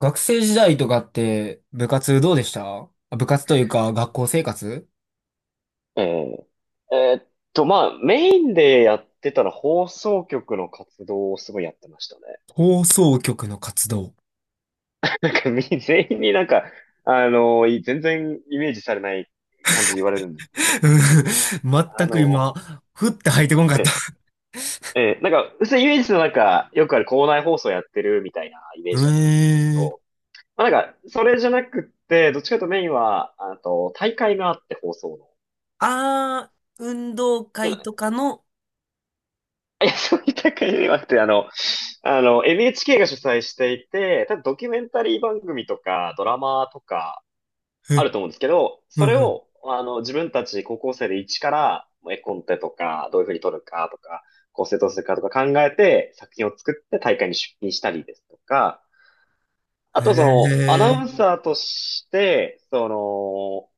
学生時代とかって部活どうでした？あ、部活というか学校生活。えええーっまあ、メインでやってたら放送局の活動をすごいやってましたね。放送局の活動。なんか全員になんか、全然イメージされない感じで言われるんですけど、うん、あ全くの、今、ふって入ってこんかった。ええ、ええ、なんか、普通イメージのなんか、よくある校内放送やってるみたいなイメージだと思うんですけえー。ど、まあ、なんか、それじゃなくって、どっちかというとメインは、あと、大会があって放送の。あー、運動で、会とかの、いや、そういった感じではなくて、NHK が主催していて、多分ドキュメンタリー番組とか、ドラマとか、あえ、ると思うんですけど、そうれんうん、を、自分たち高校生で一から、絵コンテとか、どういうふうに撮るかとか、構成どうするかとか考えて、作品を作って大会に出品したりですとか、あへとその、アナウンえ。サーとして、その、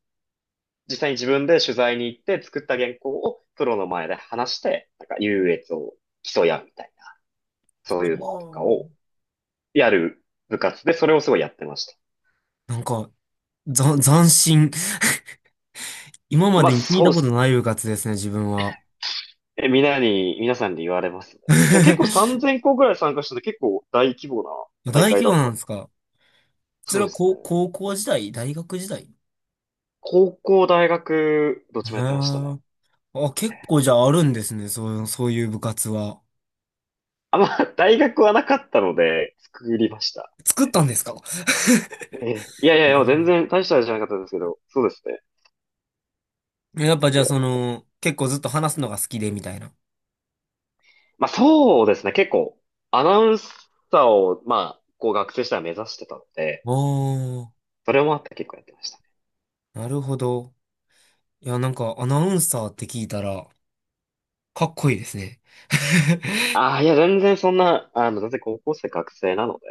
実際に自分で取材に行って作った原稿をプロの前で話して、なんか優越を競い合うみたいな。そうあいうのとかー、をやる部活で、それをすごいやってました。なんか、斬新。今ままあ、でに聞いそたうでことす。ない部活ですね、自分は。え、みんなに、皆さんに言われますね。でも結構 3000校ぐらい参加してて結構大規模な大大会規だ模っなたんでの。すか？そそれうはですね。高校時代大学時代？高校、大学、どっへちもやってましたね。ー。あ、結構じゃああるんですね。そう、そういう部活は。あ、まあ、大学はなかったので、作りました。作ったんですか？ええ、いやいやいうや、全ん。然大したあれじゃなかったですけど、そうですね。やっぱじいゃあや、その、結構ずっと話すのが好きでみたいな。あ、まあそうですね、結構、アナウンサーを、まあ、こう学生時代は目指してたので、それもあって結構やってました。なるほど。いや、なんかアナウンサーって聞いたら、かっこいいですね。ああ、いや、全然そんな、全然高校生学生なので、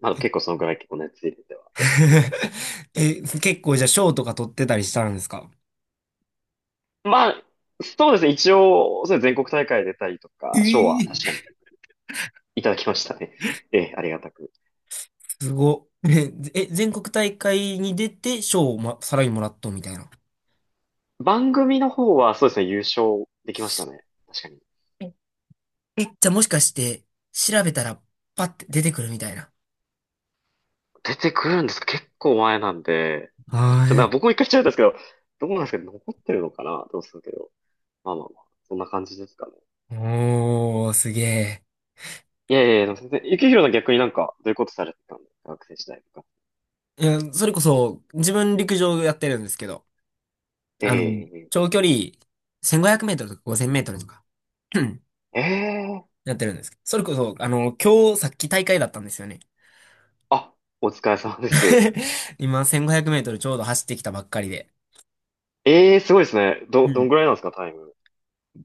まあ結構そのぐらい結構熱入れてはやってたんです。え、結構じゃあ賞とか取ってたりしたんですか？まあ、そうですね。一応、そう全国大会出たりとえか、賞はー。確かにいただきましたね。ええ、ありがたく。すご。ねえ、え、全国大会に出て賞を、ま、さらにもらっとみたいな。番組の方はそうですね、優勝できましたね。確かに。え、じゃあもしかして、調べたら、パッて出てくるみたいな。出てくるんですか？結構前なんで、あ残ってな、い。僕も一回ちゃったんですけど、どうなんですかね、残ってるのかな、どうするけど。まあまあまあ、そんな感じですかね。おー、すげえ。いやいやいや、でも全然、ゆきひろの逆になんか、どういうことされてたの学生時代とか。いや、それこそ、自分陸上やってるんですけど、あの、ええ、長距離、1500メートルとか5000メートルとか、ええ、やってるんですけど、それこそ、あの、今日、さっき大会だったんですよね。あ、お疲れ様です。今、1500メートルちょうど走ってきたばっかりで。ええ、すごいですね。うどんん。ぐらいなんですか、タイム。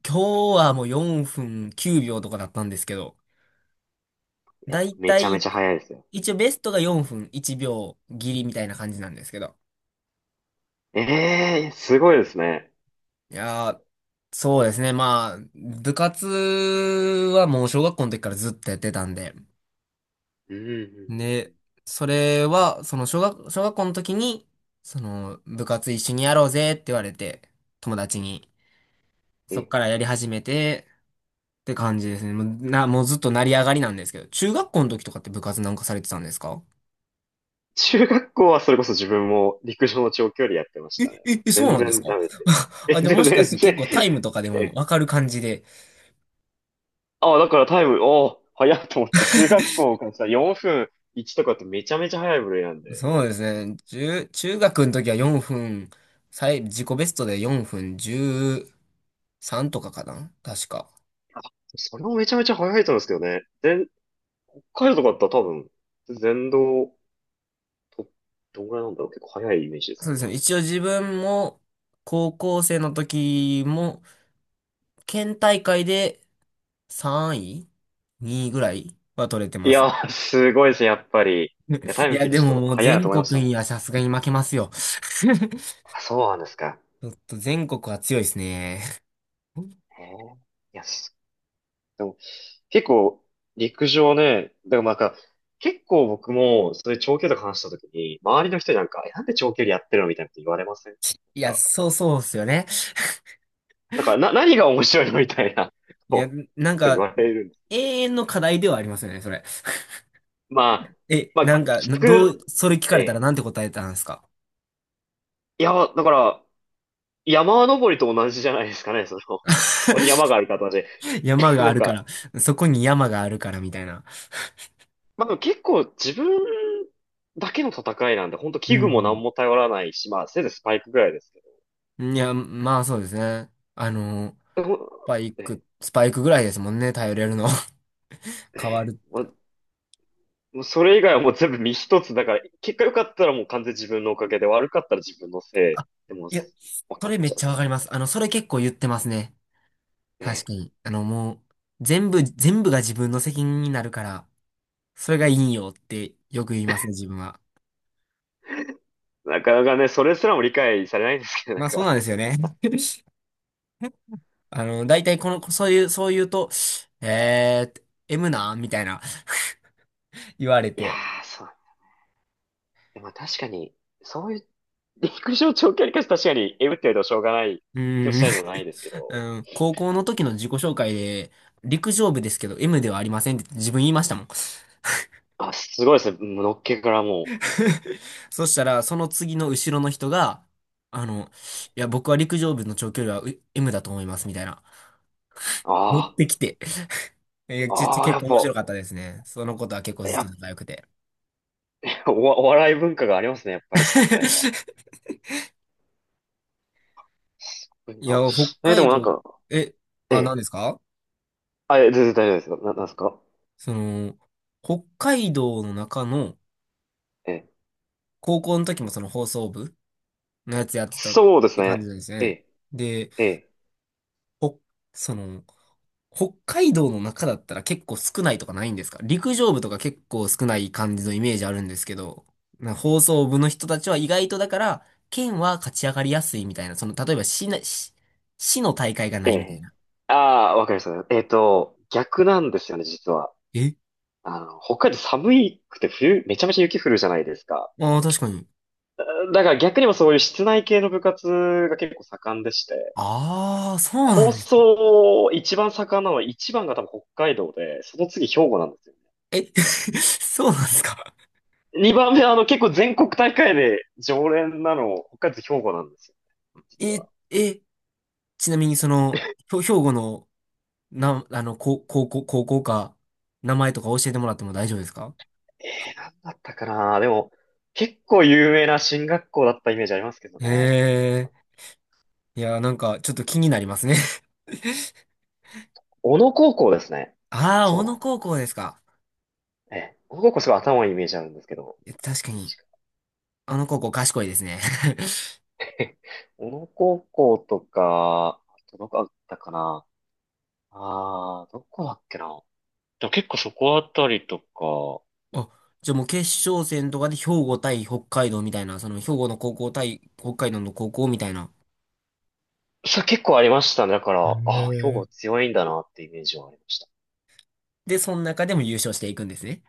今日はもう4分9秒とかだったんですけど、いだや、いめたちゃめい、ちゃ早いですよ。一応ベストが4分1秒切りみたいな感じなんですけど。ええ、すごいですね。いやー、そうですね。まあ、部活はもう小学校の時からずっとやってたんで。うんうんで、それは、その小学校の時に、その部活一緒にやろうぜって言われて、友達に。うんそうん。っえ、からやり始めてって感じですね。もうずっと成り上がりなんですけど、中学校の時とかって部活なんかされてたんですか？中学校はそれこそ自分も陸上の長距離やってましえ、たね。え、え、そう全なんです然か？ ダメで。え、あ、でもでももしか全して結然、構タイムとかでもえ、わかる感じで。あ、だからタイム、おー、早いと思って、中学校からさ、4分1とかってめちゃめちゃ早い部類なんで。そうですね。中学の時は4分、自己ベストで4分13とかかな、確か。それもめちゃめちゃ早いと思うんですけどね。全北海道とかだったら多分、全道、と、どんぐらいなんだろう、結構早いイメージですそうけでど。すね。一応自分も、高校生の時も、県大会で3位 ?2 位ぐらいは取れてまいす。やー、すごいですね、やっぱり。いや、タイいムや、聞いてでちもょっともう早いなと全思いました国もん。にはさすがに負けますよ。あ、そうなんですか？ちょっと全国は強いですね。へえ。いや、す、でも、結構、陸上ね、だからなんか、結構僕も、そういう長距離とか話した時に、周りの人になんか、えなんで長距離やってるのみたいなこと言われませんなんいや、か、そうそうっすよね。なんかな、何が面白いのみたいな、いや、こう、なんこと言か、われるんです。永遠の課題ではありますよね、それ。まあ、え、まあ、なんか、きつく、それ聞かえれたらえ。なんて答えたんですか？いや、だから、山登りと同じじゃないですかね、その、そこに山がある形で。山 がなあんるかか、ら、そこに山があるからみたいな。まあ、でも結構自分だけの戦いなんで、本当う器具もん。何も頼らないし、まあ、せいぜいスパイクぐらいですけどいや、まあそうですね。あの、スパイね。ク、スパイクぐらいですもんね、頼れるの。変わる。まあ、もうそれ以外はもう全部身一つ。だから、結果良かったらもう完全に自分のおかげで、悪かったら自分のせいあ、でもういや、分そかっれめっちゃちう。ゃわかります。あの、それ結構言ってますね。確ね。かに。あの、もう、全部が自分の責任になるから、それがいいよってよく言いますね、自分は。なかなかね、それすらも理解されないんですけど、なんまあそうか。なんですよね。あの、大体この、そういう、そう言うと、えー、M なみたいな言われいやて。ー、そう。でも確かに、そういう、陸上長距離かし確かに、えぶってるとしょうがないう気もーしん、ないでもないですけど。うん、高校の時の自己紹介で、陸上部ですけど M ではありませんって自分言いましたもん。あ、すごいですね。のっけからも そしたら、その次の後ろの人が、あの、いや、僕は陸上部の長距離はM だと思います、みたいな。う。持っあてきて。え、あ、ああ、や結っ構面白ぱ、かったですね。そのことは結構ずっやとっ仲良くて。ぱお、お笑い文化がありますね、やっぱり関西は。すごいいや、な。北え、で海もなん道、か、え、えあ、何え。ですか？あ、え、全然大丈夫ですよ。なんですか？その、北海道の中の、ええ。高校の時もその放送部のやつやってたっそうですて感じね。なんですえね。え、で、ええ、ほ、その、北海道の中だったら結構少ないとかないんですか？陸上部とか結構少ない感じのイメージあるんですけど、放送部の人たちは意外とだから、県は勝ち上がりやすいみたいな、その、例えば市な、市、市の大会がなえいみたいえ。な。ああ、わかりました。えっと、逆なんですよね、実は。え、北海道寒いくて冬、めちゃめちゃ雪降るじゃないですか。ああー、確かに。だから逆にもそういう室内系の部活が結構盛んでして。ああ、そうな放んです。送、一番盛んなのは、一番が多分北海道で、その次兵庫なんですよね。え、そうなんですか？二番目は、結構全国大会で常連なの、北海道と兵庫なんですよ、実え、は。え、ちなみにその、兵庫の、あの、高校、高校か、名前とか教えてもらっても大丈夫ですか？えー、なんだったかな、でも、結構有名な進学校だったイメージありますけどね。へえ、いや、なんか、ちょっと気になりますね。小野高校ですね。ああ、そ小う野だ。高校ですか。ええ、小野高校すごい頭いいイメージあるんですけど。え、確かに、確あの高校賢いですね。かに。小野高校とか、あとどこだったかな、ああー、どこだっけな、でも結構そこあたりとか、あ、じゃあもう決勝戦とかで兵庫対北海道みたいな、その兵庫の高校対北海道の高校みたいな。さ、結構ありましたね。だかへら、ああ、兵庫え。強いんだなってイメージはありました。で、その中でも優勝していくんですね。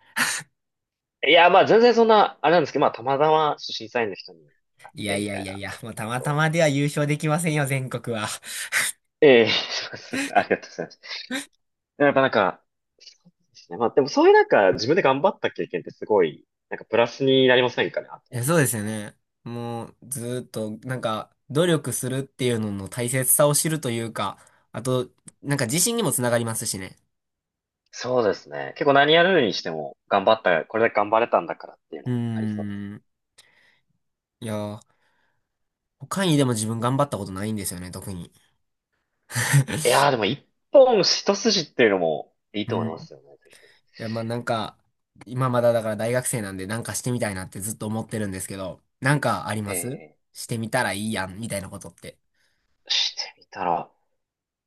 いや、まあ全然そんな、あれなんですけど、まあたまたまちょっと審査員の人に会っいやていみやたいいやな、いや、だと思まうんあですたけまたど。までは優勝できませんよ、全国は。ええ、 そうですね。ありがとうございます。やっぱなんか、そうですね。まあでもそういうなんか自分で頑張った経験ってすごい、なんかプラスになりませんかね、あといは。や、そうですよね。もう、ずーっと、なんか、努力するっていうのの大切さを知るというか、あと、なんか自信にもつながりますしね。そうですね。結構何やるにしても頑張った、これだけ頑張れたんだからっていううのーはありそうです。ん。いやー、他にでも自分頑張ったことないんですよね、特に。い やーでも一本一筋っていうのもいいうと思ん。いまいすよね。や、まあなんか、今まだだから大学生なんでなんかしてみたいなってずっと思ってるんですけど、なんかあります？ええ、してみたらいいやん、みたいなことって。してみたら。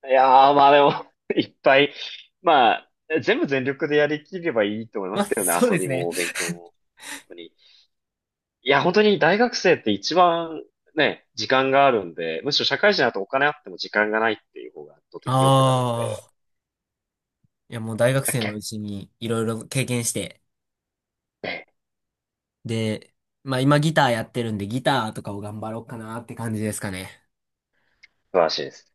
いやー、まあでも、 いっぱい、まあ、全部全力でやりきればいいと思い ままあ、すけどね、そう遊ですびね。も勉強も。本当に。いや、本当に大学生って一番ね、時間があるんで、むしろ社会人だとお金あっても時間がないっていう方が圧倒あ的に多くなるんで、あ、いやもう大学結生の構、うちにいろいろ経験して、ね、で、まあ今ギターやってるんでギターとかを頑張ろうかなって感じですかね。素晴らしいです。